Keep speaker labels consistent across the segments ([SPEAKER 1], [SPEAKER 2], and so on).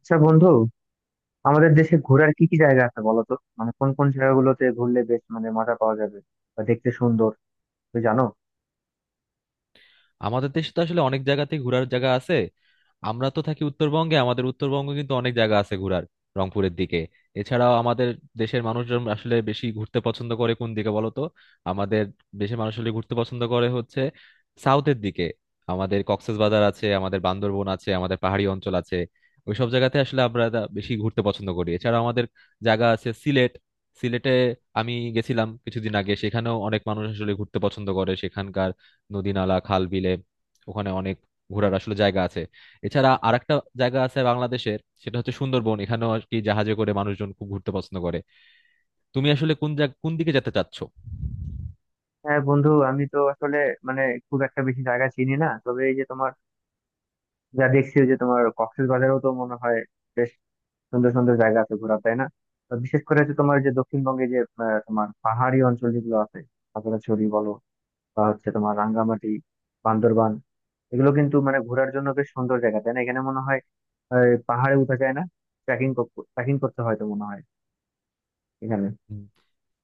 [SPEAKER 1] আচ্ছা, বন্ধু, আমাদের দেশে ঘোরার কি কি জায়গা আছে বলো তো? মানে কোন কোন জায়গাগুলোতে ঘুরলে বেশ মানে মজা পাওয়া যাবে বা দেখতে সুন্দর? তুমি জানো?
[SPEAKER 2] আমাদের দেশে তো আসলে অনেক জায়গাতেই ঘোরার জায়গা আছে। আমরা তো থাকি উত্তরবঙ্গে, আমাদের উত্তরবঙ্গে কিন্তু অনেক জায়গা আছে ঘোরার, রংপুরের দিকে। এছাড়াও আমাদের দেশের মানুষজন আসলে বেশি ঘুরতে পছন্দ করে কোন দিকে বলো তো? আমাদের দেশের মানুষ আসলে ঘুরতে পছন্দ করে হচ্ছে সাউথের দিকে। আমাদের কক্সবাজার আছে, আমাদের বান্দরবন আছে, আমাদের পাহাড়ি অঞ্চল আছে। ওইসব জায়গাতে আসলে আমরা তা বেশি ঘুরতে পছন্দ করি। এছাড়া আমাদের জায়গা আছে সিলেট। সিলেটে আমি গেছিলাম কিছুদিন আগে, সেখানেও অনেক মানুষ আসলে ঘুরতে পছন্দ করে সেখানকার নদী নালা খাল বিলে। ওখানে অনেক ঘোরার আসলে জায়গা আছে। এছাড়া আরেকটা জায়গা আছে বাংলাদেশের, সেটা হচ্ছে সুন্দরবন। এখানেও আর কি জাহাজে করে মানুষজন খুব ঘুরতে পছন্দ করে। তুমি আসলে কোন জায়গা কোন দিকে যেতে চাচ্ছো?
[SPEAKER 1] হ্যাঁ বন্ধু, আমি তো আসলে মানে খুব একটা বেশি জায়গা চিনি না। তবে এই যে তোমার, যা দেখছি, ওই যে তোমার কক্সবাজারেও তো মনে হয় বেশ সুন্দর সুন্দর জায়গা আছে ঘোরা, তাই না? তো বিশেষ করে যে তোমার, যে দক্ষিণবঙ্গে যে, তোমার পাহাড়ি অঞ্চল যেগুলো আছে, খাগড়াছড়ি বলো বা হচ্ছে তোমার রাঙ্গামাটি, বান্দরবান, এগুলো কিন্তু মানে ঘোরার জন্য বেশ সুন্দর জায়গা, তাই না? এখানে মনে হয় পাহাড়ে উঠা যায় না? ট্রেকিং, করতে হয় তো মনে হয় এখানে।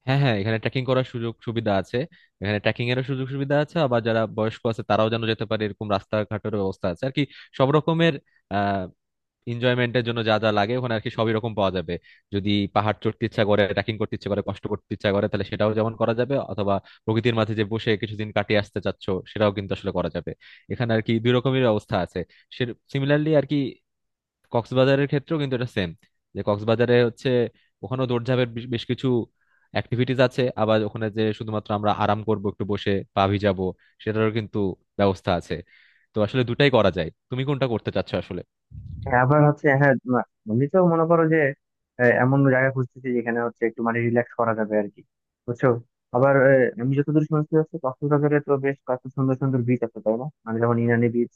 [SPEAKER 2] হ্যাঁ হ্যাঁ, এখানে ট্রেকিং করার সুযোগ সুবিধা আছে। এখানে ট্রেকিং এরও সুযোগ সুবিধা আছে, আবার যারা বয়স্ক আছে তারাও যেন যেতে পারে এরকম রাস্তাঘাটের ব্যবস্থা আছে আর কি। সব রকমের আহ এনজয়মেন্টের জন্য যা যা লাগে ওখানে আর কি সবই রকম পাওয়া যাবে। যদি পাহাড় চড়তে ইচ্ছা করে, ট্রেকিং করতে ইচ্ছা করে, কষ্ট করতে ইচ্ছা করে, তাহলে সেটাও যেমন করা যাবে, অথবা প্রকৃতির মাঝে যে বসে কিছুদিন কাটিয়ে আসতে চাচ্ছ, সেটাও কিন্তু আসলে করা যাবে। এখানে আর কি দুই রকমের অবস্থা আছে। সে সিমিলারলি আর কি, কক্সবাজারের ক্ষেত্রেও কিন্তু এটা সেম। যে কক্সবাজারে হচ্ছে, ওখানেও দৌড়ঝাঁপের বেশ বেশ কিছু অ্যাক্টিভিটিস আছে, আবার ওখানে যে শুধুমাত্র আমরা আরাম করব একটু বসে পা ভিজাবো, সেটারও কিন্তু ব্যবস্থা আছে। তো আসলে দুটাই করা যায়, তুমি কোনটা করতে চাচ্ছো আসলে?
[SPEAKER 1] হ্যাঁ, আবার হচ্ছে, হ্যাঁ এমনি তো মনে করো যে এমন জায়গা খুঁজতেছি যেখানে হচ্ছে একটু মানে রিল্যাক্স করা যাবে আর কি, বুঝছো? আবার আমি যতদূর শুনছি, হচ্ছে কক্সবাজারে তো বেশ কত সুন্দর সুন্দর বিচ আছে, তাই না? মানে যেমন ইনানি বিচ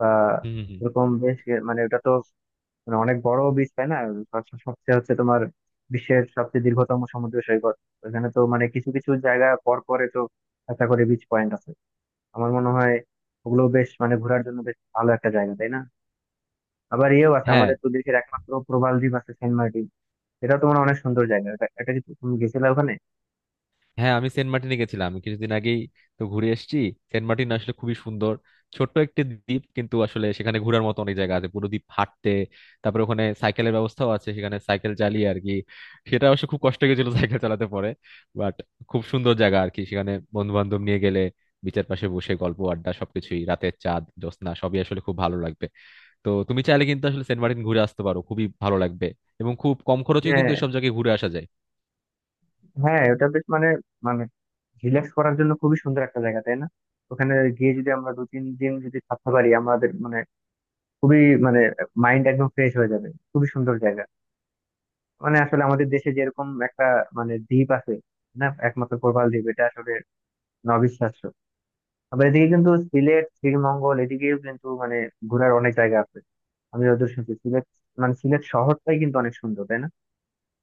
[SPEAKER 1] বা
[SPEAKER 2] হুম হুম হুম।
[SPEAKER 1] এরকম বেশ, মানে ওটা তো মানে অনেক বড় বিচ, তাই না? সবচেয়ে হচ্ছে তোমার বিশ্বের সবচেয়ে দীর্ঘতম সমুদ্র সৈকত। ওখানে তো মানে কিছু কিছু জায়গা পর পরে তো একটা করে বিচ পয়েন্ট আছে আমার মনে হয়। ওগুলো বেশ মানে ঘোরার জন্য বেশ ভালো একটা জায়গা, তাই না? আবার ইয়েও আছে,
[SPEAKER 2] হ্যাঁ
[SPEAKER 1] আমাদের তো দেশের একমাত্র প্রবাল দ্বীপ আছে, সেন্ট মার্টিন। সেটা তো মানে অনেক সুন্দর জায়গা। এটা এটা কি তুমি গেছিলে ওখানে?
[SPEAKER 2] হ্যাঁ, আমি সেন্ট মার্টিনে গেছিলাম, আমি কিছুদিন আগেই তো ঘুরে এসেছি। সেন্ট মার্টিন আসলে খুবই সুন্দর, ছোট্ট একটি দ্বীপ, কিন্তু আসলে সেখানে ঘোরার মতো অনেক জায়গা আছে। পুরো দ্বীপ হাঁটতে, তারপরে ওখানে সাইকেলের ব্যবস্থাও আছে, সেখানে সাইকেল চালিয়ে আর কি। সেটা অবশ্য খুব কষ্ট হয়েছিল সাইকেল চালাতে পরে, বাট খুব সুন্দর জায়গা আর কি। সেখানে বন্ধু বান্ধব নিয়ে গেলে বিচের পাশে বসে গল্প আড্ডা সবকিছুই, রাতের চাঁদ জ্যোৎস্না, সবই আসলে খুব ভালো লাগবে। তো তুমি চাইলে কিন্তু আসলে সেন্ট মার্টিন ঘুরে আসতে পারো, খুবই ভালো লাগবে। এবং খুব কম খরচে কিন্তু
[SPEAKER 1] হ্যাঁ,
[SPEAKER 2] এসব জায়গায় ঘুরে আসা যায়।
[SPEAKER 1] হ্যাঁ, ওটা বেশ মানে, মানে রিল্যাক্স করার জন্য খুবই সুন্দর একটা জায়গা, তাই না? ওখানে গিয়ে যদি আমরা 2-3 দিন যদি থাকতে পারি, আমাদের মানে খুবই মানে মাইন্ড একদম ফ্রেশ হয়ে যাবে, খুবই সুন্দর জায়গা। মানে আসলে আমাদের দেশে যেরকম একটা মানে দ্বীপ আছে না, একমাত্র প্রবাল দ্বীপ, এটা আসলে অবিশ্বাস্য। আবার এদিকে কিন্তু সিলেট, শ্রীমঙ্গল এদিকেও কিন্তু মানে ঘোরার অনেক জায়গা আছে। আমি যতদূর শুনছি সিলেট, মানে সিলেট শহরটাই কিন্তু অনেক সুন্দর, তাই না?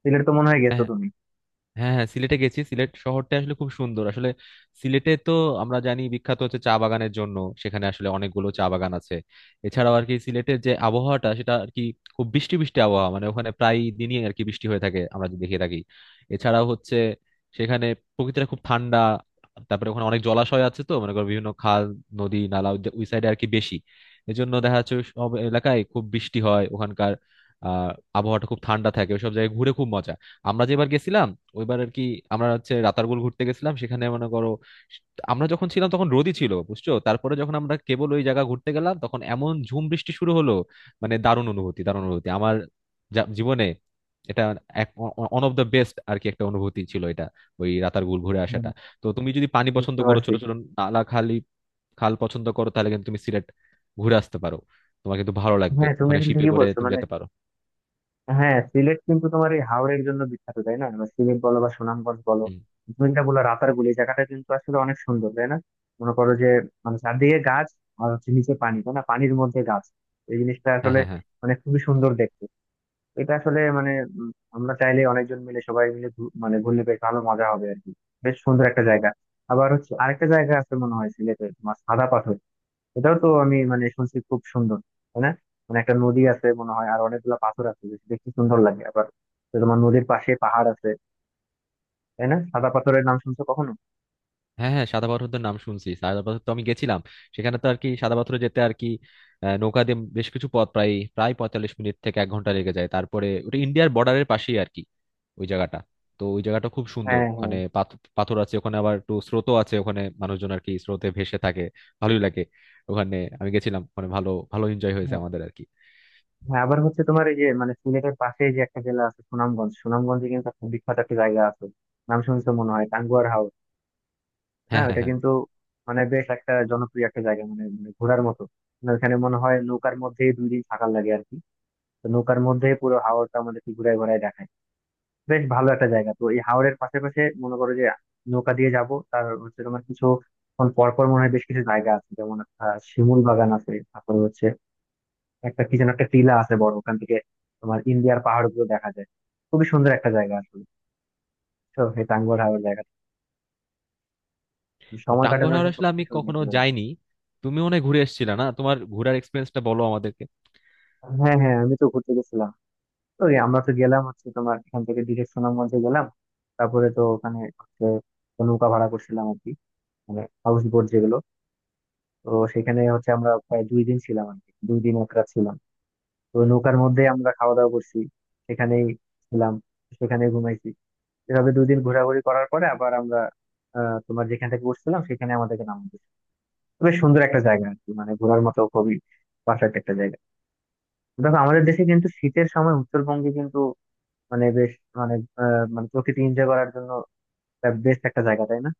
[SPEAKER 1] সিলেট তো মনে হয় গেছো
[SPEAKER 2] হ্যাঁ
[SPEAKER 1] তুমি।
[SPEAKER 2] হ্যাঁ হ্যাঁ সিলেটে গেছি সিলেট শহরটা আসলে খুব সুন্দর আসলে সিলেটে তো আমরা জানি বিখ্যাত হচ্ছে চা বাগানের জন্য সেখানে আসলে অনেকগুলো চা বাগান আছে এছাড়াও আর কি সিলেটের যে আবহাওয়াটা সেটা আর কি খুব বৃষ্টি বৃষ্টি আবহাওয়া মানে ওখানে প্রায় দিনই আর কি বৃষ্টি হয়ে থাকে আমরা যদি দেখে থাকি এছাড়াও হচ্ছে সেখানে প্রকৃতিটা খুব ঠান্ডা তারপরে ওখানে অনেক জলাশয় আছে তো মনে করো বিভিন্ন খাল নদী নালা ওই ওই সাইডে আর কি বেশি এজন্য দেখা যাচ্ছে ওই সব এলাকায় খুব বৃষ্টি হয় ওখানকার আহ আবহাওয়াটা খুব ঠান্ডা থাকে ওইসব জায়গায় ঘুরে খুব মজা আমরা যেবার গেছিলাম ওইবার আর কি আমরা হচ্ছে রাতারগুল ঘুরতে গেছিলাম সেখানে মনে করো আমরা যখন ছিলাম তখন রোদই ছিল বুঝছো তারপরে যখন আমরা কেবল ওই জায়গা ঘুরতে গেলাম তখন এমন ঝুম বৃষ্টি শুরু হলো মানে দারুণ অনুভূতি দারুণ অনুভূতি আমার যা- জীবনে এটা এক ওয়ান অফ দ্য বেস্ট আর কি একটা অনুভূতি ছিল এটা ওই রাতারগুল ঘুরে
[SPEAKER 1] হুম,
[SPEAKER 2] আসাটা তো তুমি যদি পানি পছন্দ
[SPEAKER 1] বুঝতে
[SPEAKER 2] করো
[SPEAKER 1] পারছি।
[SPEAKER 2] ছোট ছোট নালা খালি খাল পছন্দ করো তাহলে কিন্তু তুমি সিলেট ঘুরে আসতে পারো তোমার কিন্তু ভালো লাগবে
[SPEAKER 1] হ্যাঁ তুমি
[SPEAKER 2] ওখানে
[SPEAKER 1] আসলে
[SPEAKER 2] শিপে
[SPEAKER 1] ঠিকই
[SPEAKER 2] করে
[SPEAKER 1] বলছো
[SPEAKER 2] তুমি
[SPEAKER 1] মানে,
[SPEAKER 2] যেতে পারো
[SPEAKER 1] হ্যাঁ সিলেট কিন্তু তোমার এই হাওরের জন্য বিখ্যাত, তাই না? বা সিলেট বলো বা সুনামগঞ্জ বলো।
[SPEAKER 2] হুম।
[SPEAKER 1] তুমি যেটা বললো রাতারগুল, এই জায়গাটা কিন্তু আসলে অনেক সুন্দর, তাই না? মনে করো যে, মানে চারদিকে গাছ, আর হচ্ছে নিচে পানি, তাই না? পানির মধ্যে গাছ, এই জিনিসটা
[SPEAKER 2] হ্যাঁ
[SPEAKER 1] আসলে
[SPEAKER 2] হ্যাঁ হ্যাঁ,
[SPEAKER 1] মানে খুবই সুন্দর দেখতে। এটা আসলে মানে উম, আমরা চাইলে অনেকজন মিলে সবাই মিলে মানে ঘুরলে বেশ ভালো মজা হবে আর কি, বেশ সুন্দর একটা জায়গা। আবার হচ্ছে আরেকটা জায়গা আছে মনে হয় সিলেটে তোমার, সাদা পাথর। এটাও তো আমি মানে শুনছি খুব সুন্দর, তাই না? মানে একটা নদী আছে মনে হয়, আর অনেকগুলা পাথর আছে যে দেখতে সুন্দর লাগে আবার। তো তোমার নদীর পাশে পাহাড় আছে, তাই না? সাদা পাথরের নাম শুনছো কখনো?
[SPEAKER 2] হ্যাঁ হ্যাঁ, সাদা পাথরদের নাম শুনছি। সাদা পাথর তো আমি গেছিলাম। সেখানে তো আর কি সাদা পাথরে যেতে আর কি নৌকা দিয়ে বেশ কিছু পথ, প্রায় প্রায় 45 মিনিট থেকে এক ঘন্টা লেগে যায়। তারপরে ওটা ইন্ডিয়ার বর্ডারের পাশেই আর কি ওই জায়গাটা। তো ওই জায়গাটা খুব সুন্দর,
[SPEAKER 1] হ্যাঁ হ্যাঁ
[SPEAKER 2] ওখানে পাথর আছে, ওখানে আবার একটু স্রোতও আছে, ওখানে মানুষজন আর কি স্রোতে ভেসে থাকে। ভালোই লাগে, ওখানে আমি গেছিলাম, ওখানে ভালো ভালো এনজয় হয়েছে
[SPEAKER 1] হ্যাঁ,
[SPEAKER 2] আমাদের আর কি।
[SPEAKER 1] হ্যাঁ, আবার হচ্ছে তোমার এই যে মানে সিলেটের পাশে যে একটা জেলা আছে সুনামগঞ্জ, সুনামগঞ্জে কিন্তু একটা বিখ্যাত একটা জায়গা আছে, নাম শুনছো মনে হয় টাঙ্গুয়ার হাওর। না
[SPEAKER 2] হ্যাঁ হ্যাঁ
[SPEAKER 1] ওটা
[SPEAKER 2] হ্যাঁ।
[SPEAKER 1] কিন্তু মানে বেশ একটা জনপ্রিয় একটা জায়গা মানে মানে ঘোরার মতো। মানে ওখানে মনে হয় নৌকার মধ্যেই 2 দিন থাকার লাগে আর কি। তো নৌকার মধ্যে পুরো হাওরটা আমাদেরকে ঘুরে ঘুরায় দেখায়, বেশ ভালো একটা জায়গা। তো এই হাওরের পাশাপাশি মনে করো যে নৌকা দিয়ে যাব, তার হচ্ছে তোমার কিছু ক্ষণ পর পর মনে হয় বেশ কিছু জায়গা আছে, যেমন শিমুল বাগান আছে, তারপরে হচ্ছে একটা কি যেন একটা টিলা আছে বড়, ওখান থেকে তোমার ইন্ডিয়ার পাহাড় গুলো দেখা যায়, খুবই সুন্দর একটা জায়গা আসলে। তো এই টাঙ্গুয়ার হাওরের জায়গা
[SPEAKER 2] তো
[SPEAKER 1] সময়
[SPEAKER 2] টাঙ্গুয়ার
[SPEAKER 1] কাটানোর
[SPEAKER 2] হাওর
[SPEAKER 1] জন্য
[SPEAKER 2] আসলে আমি
[SPEAKER 1] খুবই সুন্দর
[SPEAKER 2] কখনো
[SPEAKER 1] একটা জায়গা।
[SPEAKER 2] যাইনি। তুমি মনে হয় ঘুরে এসেছিলে না? তোমার ঘোরার এক্সপিরিয়েন্সটা বলো আমাদের।
[SPEAKER 1] হ্যাঁ হ্যাঁ আমি তো ঘুরতে গেছিলাম। তো এই আমরা তো গেলাম হচ্ছে তোমার এখান থেকে ডিরেক্ট সুনামগঞ্জে গেলাম। তারপরে তো ওখানে হচ্ছে নৌকা ভাড়া করছিলাম আর কি, মানে হাউস বোট যেগুলো। তো সেখানে হচ্ছে আমরা প্রায় 2 দিন ছিলাম আর কি, 2 দিন 1 রাত ছিলাম। তো নৌকার মধ্যে আমরা খাওয়া দাওয়া করছি, সেখানেই ছিলাম, সেখানে ঘুমাইছি। এভাবে 2 দিন ঘোরাঘুরি করার পরে আবার আমরা, আহ তোমার যেখান থেকে উঠছিলাম সেখানে আমাদেরকে নামিয়ে দিয়েছে। বেশ সুন্দর একটা জায়গা আর কি, মানে ঘোরার মতো খুবই পারফেক্ট একটা জায়গা। দেখো আমাদের দেশে কিন্তু শীতের সময় উত্তরবঙ্গে কিন্তু মানে বেশ মানে মানে প্রকৃতি এনজয় করার জন্য বেস্ট একটা জায়গা, তাই না?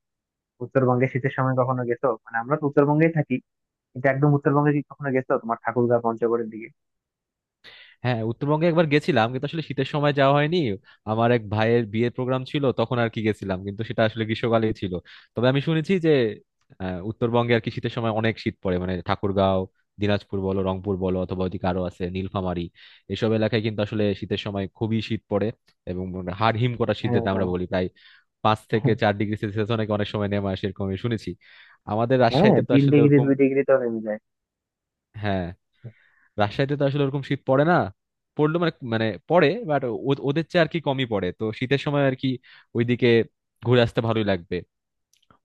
[SPEAKER 1] উত্তরবঙ্গে শীতের সময় কখনো গেছো? মানে আমরা তো উত্তরবঙ্গেই থাকি, কিন্তু একদম উত্তরবঙ্গে কি কখনো গেছো তোমার ঠাকুরগাঁও পঞ্চগড়ের দিকে?
[SPEAKER 2] হ্যাঁ, উত্তরবঙ্গে একবার গেছিলাম, কিন্তু আসলে শীতের সময় যাওয়া হয়নি। আমার এক ভাইয়ের বিয়ের প্রোগ্রাম ছিল তখন আর কি গেছিলাম, কিন্তু সেটা আসলে গ্রীষ্মকালে ছিল। তবে আমি শুনেছি যে উত্তরবঙ্গে আর কি শীতের সময় অনেক শীত পড়ে, মানে ঠাকুরগাঁও, দিনাজপুর বলো, রংপুর বলো, অথবা ওইদিকে আরো আছে নীলফামারী, এসব এলাকায় কিন্তু আসলে শীতের সময় খুবই শীত পড়ে, এবং মানে হাড় হিম করা শীত
[SPEAKER 1] হ্যাঁ
[SPEAKER 2] যেটা আমরা বলি, প্রায় 5 থেকে 4 ডিগ্রি সেলসিয়াস অনেক অনেক সময় নেমে আসে এরকম আমি শুনেছি। আমাদের
[SPEAKER 1] হ্যাঁ
[SPEAKER 2] রাজশাহীতে
[SPEAKER 1] হ্যাঁ,
[SPEAKER 2] তো
[SPEAKER 1] তিন
[SPEAKER 2] আসলে
[SPEAKER 1] ডিগ্রি
[SPEAKER 2] ওরকম,
[SPEAKER 1] 2 ডিগ্রি তো নেমে যায়।
[SPEAKER 2] হ্যাঁ, রাজশাহীতে তো আসলে ওরকম শীত পড়ে না। পড়লো মানে মানে পড়ে, বাট ওদের চেয়ে আর কি কমই পড়ে। তো শীতের সময় আর কি ওইদিকে ঘুরে আসতে ভালোই লাগবে,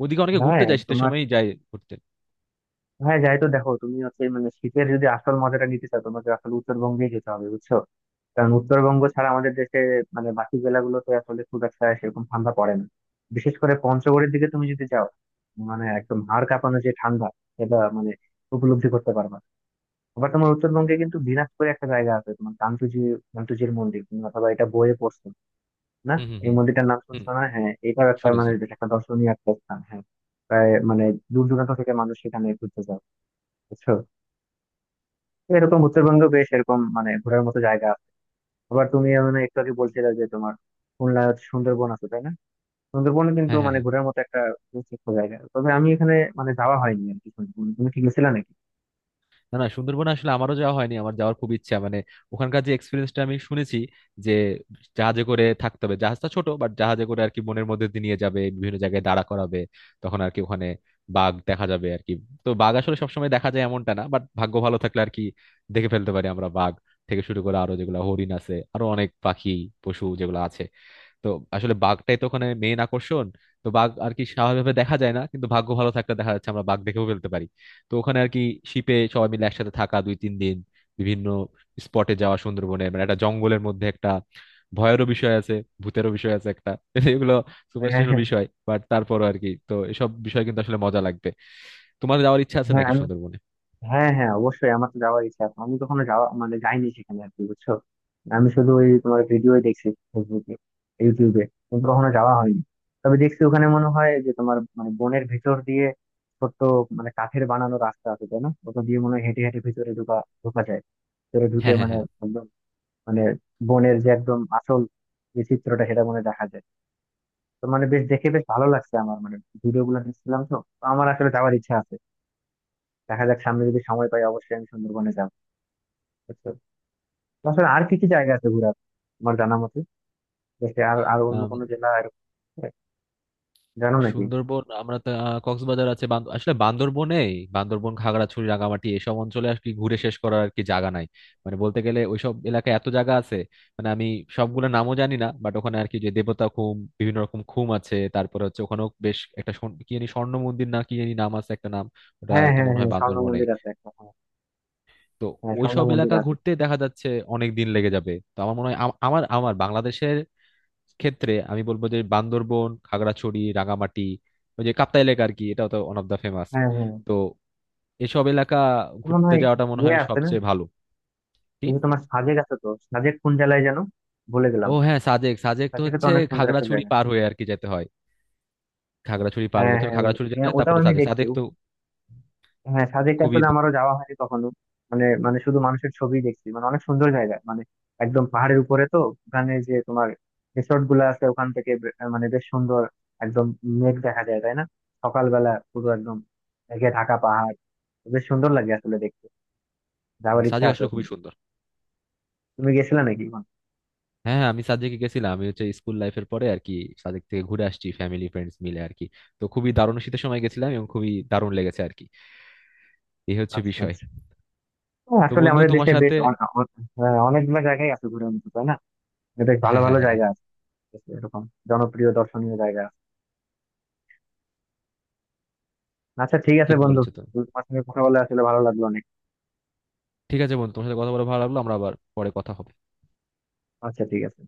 [SPEAKER 2] ওইদিকে অনেকে
[SPEAKER 1] হ্যাঁ
[SPEAKER 2] ঘুরতে যায়, শীতের
[SPEAKER 1] তোমার,
[SPEAKER 2] সময়ই যায় ঘুরতে।
[SPEAKER 1] হ্যাঁ যাই, তো দেখো তুমি হচ্ছে মানে শীতের যদি আসল মজাটা নিতে চাও তোমাকে আসলে উত্তরবঙ্গে যেতে হবে, বুঝছো? কারণ উত্তরবঙ্গ ছাড়া আমাদের দেশে মানে বাকি জেলাগুলোতে আসলে খুব একটা সেরকম ঠান্ডা পড়ে না। বিশেষ করে পঞ্চগড়ের দিকে তুমি যদি যাও, মানে একদম হাড় কাঁপানো যে ঠান্ডা, সেটা মানে উপলব্ধি করতে পারবা। আবার তোমার উত্তরবঙ্গে কিন্তু দিনাজপুরে একটা জায়গা আছে তোমার, কান্তুজি। কান্তুজির মন্দির তুমি অথবা এটা বইয়ে পড়ছো না,
[SPEAKER 2] হুম হুম
[SPEAKER 1] এই
[SPEAKER 2] হুম
[SPEAKER 1] মন্দিরটার নাম
[SPEAKER 2] হুম।
[SPEAKER 1] শুনছো না? হ্যাঁ এটাও একটা
[SPEAKER 2] শুনেছি।
[SPEAKER 1] মানে বেশ একটা দর্শনীয় একটা স্থান, হ্যাঁ। প্রায় মানে দূর দূরান্ত থেকে মানুষ সেখানে ঘুরতে যায়, বুঝছো? তো এরকম উত্তরবঙ্গ বেশ এরকম মানে ঘোরার মতো জায়গা। আবার তুমি মানে একটু আগে বলছিলে যে তোমার খুলনা, সুন্দরবন আছে, তাই না? সুন্দরবন কিন্তু
[SPEAKER 2] হ্যাঁ হ্যাঁ
[SPEAKER 1] মানে
[SPEAKER 2] হ্যাঁ।
[SPEAKER 1] ঘোরার মতো একটা বিশেষ একটা জায়গা, তবে আমি এখানে মানে যাওয়া হয়নি আর কি। সুন্দরবন তুমি কি গেছিলে নাকি?
[SPEAKER 2] না না, সুন্দরবনে আসলে আমারও যাওয়া হয়নি, আমার যাওয়ার খুব ইচ্ছা। মানে ওখানকার যে এক্সপিরিয়েন্সটা আমি শুনেছি, যে জাহাজে করে থাকতে হবে, জাহাজটা ছোট, বাট জাহাজে করে আর কি বনের মধ্যে দিয়ে নিয়ে যাবে, বিভিন্ন জায়গায় দাঁড়া করাবে, তখন আর কি ওখানে বাঘ দেখা যাবে আর কি। তো বাঘ আসলে সবসময় দেখা যায় এমনটা না, বাট ভাগ্য ভালো থাকলে আর কি দেখে ফেলতে পারি আমরা। বাঘ থেকে শুরু করে আরো যেগুলো হরিণ আছে, আরো অনেক পাখি পশু যেগুলো আছে। তো আসলে বাঘটাই তো ওখানে মেইন আকর্ষণ। তো বাঘ আর কি স্বাভাবিকভাবে দেখা যায় না, কিন্তু ভাগ্য ভালো থাকলে দেখা যাচ্ছে আমরা বাঘ দেখেও ফেলতে পারি। তো ওখানে আর কি শিপে সবাই মিলে একসাথে থাকা, দুই তিন দিন বিভিন্ন স্পটে যাওয়া, সুন্দরবনে মানে একটা জঙ্গলের মধ্যে একটা ভয়েরও বিষয় আছে, ভূতেরও বিষয় আছে একটা এগুলো
[SPEAKER 1] হ্যাঁ
[SPEAKER 2] সুপারস্টিশনাল
[SPEAKER 1] হ্যাঁ
[SPEAKER 2] বিষয়, বাট তারপরও আর কি, তো এসব বিষয় কিন্তু আসলে মজা লাগবে। তোমার যাওয়ার ইচ্ছা আছে
[SPEAKER 1] হ্যাঁ,
[SPEAKER 2] নাকি সুন্দরবনে?
[SPEAKER 1] হ্যাঁ হ্যাঁ অবশ্যই আমার তো যাওয়ার ইচ্ছা আছে, আমি কখনো যাওয়া মানে যাইনি সেখানে আর কি, বুঝছো? আমি শুধু ওই তোমার ভিডিওই দেখছি, ফেসবুকে, ইউটিউবে, কিন্তু কখনো যাওয়া হয়নি। তবে দেখছি ওখানে মনে হয় যে তোমার মানে বনের ভিতর দিয়ে ছোট্ট মানে কাঠের বানানো রাস্তা আছে, তাই না? ওটা দিয়ে মনে হয় হেঁটে হেঁটে ভিতরে ঢোকা, যায়। ভিতরে ঢুকে
[SPEAKER 2] হ্যাঁ
[SPEAKER 1] মানে
[SPEAKER 2] হ্যাঁ
[SPEAKER 1] একদম মানে বনের যে একদম আসল যে চিত্রটা সেটা মনে হয় দেখা যায়। তো মানে বেশ দেখে বেশ ভালো লাগছে আমার মানে, ভিডিও গুলো দেখছিলাম। তো তো আমার আসলে যাওয়ার ইচ্ছা আছে, দেখা যাক সামনে যদি সময় পাই অবশ্যই আমি সুন্দরবনে যাবো। আসলে আর কি কি জায়গা আছে ঘোরার আমার জানা মতে দেশে? আর আর অন্য
[SPEAKER 2] হ্যাঁ,
[SPEAKER 1] কোনো জেলা এরকম আছে? জানো নাকি?
[SPEAKER 2] সুন্দরবন আমরা তো, কক্সবাজার আছে, আসলে বান্দরবনে, বান্দরবন, খাগড়াছড়ি, রাঙামাটি, এসব অঞ্চলে আর কি ঘুরে শেষ করার আর কি জায়গা নাই। মানে বলতে গেলে ওইসব এলাকায় এত জায়গা আছে, মানে আমি সবগুলো নামও জানি না, বাট ওখানে আর কি যে দেবতা খুম, বিভিন্ন রকম খুম আছে, তারপরে হচ্ছে ওখানেও বেশ একটা কি জানি, স্বর্ণ মন্দির না কি জানি নাম আছে একটা নাম, ওটা
[SPEAKER 1] হ্যাঁ
[SPEAKER 2] তো
[SPEAKER 1] হ্যাঁ
[SPEAKER 2] মনে হয়
[SPEAKER 1] হ্যাঁ, স্বর্ণ
[SPEAKER 2] বান্দরবনে।
[SPEAKER 1] মন্দির আছে একটা, হ্যাঁ।
[SPEAKER 2] তো
[SPEAKER 1] হ্যাঁ, স্বর্ণ
[SPEAKER 2] ওইসব
[SPEAKER 1] মন্দির
[SPEAKER 2] এলাকা
[SPEAKER 1] আছে।
[SPEAKER 2] ঘুরতে দেখা যাচ্ছে অনেক দিন লেগে যাবে। তো আমার মনে হয় আম- আমার আমার বাংলাদেশের ক্ষেত্রে আমি বলবো যে বান্দরবন, খাগড়াছড়ি, রাঙামাটি, ওই যে কাপ্তাই এলাকা আর কি, এটা তো ওয়ান অফ দা ফেমাস।
[SPEAKER 1] হ্যাঁ হ্যাঁ
[SPEAKER 2] তো এসব এলাকা
[SPEAKER 1] মনে
[SPEAKER 2] ঘুরতে
[SPEAKER 1] হয়।
[SPEAKER 2] যাওয়াটা মনে
[SPEAKER 1] ইয়ে
[SPEAKER 2] হয়
[SPEAKER 1] আছে না,
[SPEAKER 2] সবচেয়ে ভালো। কি?
[SPEAKER 1] এই যে তোমার সাজেক আছে, তো সাজেক কোন জেলায় যেন, ভুলে গেলাম।
[SPEAKER 2] ও হ্যাঁ, সাজেক, সাজেক তো
[SPEAKER 1] সাজেকে তো
[SPEAKER 2] হচ্ছে
[SPEAKER 1] অনেক সুন্দর একটা
[SPEAKER 2] খাগড়াছড়ি
[SPEAKER 1] জায়গা।
[SPEAKER 2] পার হয়ে আর কি যেতে হয়। খাগড়াছড়ি পার হয়ে
[SPEAKER 1] হ্যাঁ
[SPEAKER 2] প্রথমে
[SPEAKER 1] হ্যাঁ, ও-
[SPEAKER 2] খাগড়াছড়ি যেতে
[SPEAKER 1] হ্যাঁ
[SPEAKER 2] হয়,
[SPEAKER 1] ওটাও
[SPEAKER 2] তারপরে
[SPEAKER 1] আমি
[SPEAKER 2] সাজেক।
[SPEAKER 1] দেখছি।
[SPEAKER 2] সাজেক তো
[SPEAKER 1] হ্যাঁ সাজেকে
[SPEAKER 2] খুবই,
[SPEAKER 1] আসলে আমারও যাওয়া হয়নি কখনো। মানে মানে শুধু মানুষের ছবি দেখছি, মানে অনেক সুন্দর জায়গা, মানে একদম পাহাড়ের উপরে তো। ওখানে যে তোমার রিসোর্ট গুলো আছে, ওখান থেকে মানে বেশ সুন্দর একদম মেঘ দেখা যায়, তাই না? সকালবেলা পুরো একদম মেঘে ঢাকা পাহাড়, বেশ সুন্দর লাগে আসলে দেখতে। যাওয়ার ইচ্ছা
[SPEAKER 2] সাজেক
[SPEAKER 1] আছে
[SPEAKER 2] আসলে খুবই
[SPEAKER 1] ওখানে।
[SPEAKER 2] সুন্দর।
[SPEAKER 1] তুমি গেছিলে নাকি ওখানে?
[SPEAKER 2] হ্যাঁ হ্যাঁ, আমি সাজেকে গেছিলাম, আমি হচ্ছে স্কুল লাইফের পরে আর কি সাজেক থেকে ঘুরে আসছি, ফ্যামিলি ফ্রেন্ডস মিলে আর কি। তো খুবই দারুণ, শীতের সময় গেছিলাম এবং খুবই দারুণ লেগেছে আর কি, এই হচ্ছে
[SPEAKER 1] আচ্ছা
[SPEAKER 2] বিষয়।
[SPEAKER 1] আচ্ছা। হ্যাঁ,
[SPEAKER 2] তো
[SPEAKER 1] আসলে
[SPEAKER 2] বন্ধু
[SPEAKER 1] আমাদের
[SPEAKER 2] তোমার
[SPEAKER 1] দেশে বেশ
[SPEAKER 2] সাথে,
[SPEAKER 1] হ্যাঁ, অনেকগুলো জায়গায় আছে ঘুরে মতো, তাই না? বেশ ভালো
[SPEAKER 2] হ্যাঁ হ্যাঁ
[SPEAKER 1] ভালো
[SPEAKER 2] হ্যাঁ হ্যাঁ।
[SPEAKER 1] জায়গা আছে, এরকম জনপ্রিয় দর্শনীয় জায়গা। আচ্ছা ঠিক আছে
[SPEAKER 2] ঠিক
[SPEAKER 1] বন্ধু,
[SPEAKER 2] বলেছো তুমি।
[SPEAKER 1] তোমার সঙ্গে কথা বলে আসলে ভালো লাগলো অনেক।
[SPEAKER 2] ঠিক আছে বন্ধু, তোমার সাথে কথা বলে ভালো লাগলো, আমরা আবার পরে কথা হবে।
[SPEAKER 1] আচ্ছা ঠিক আছে।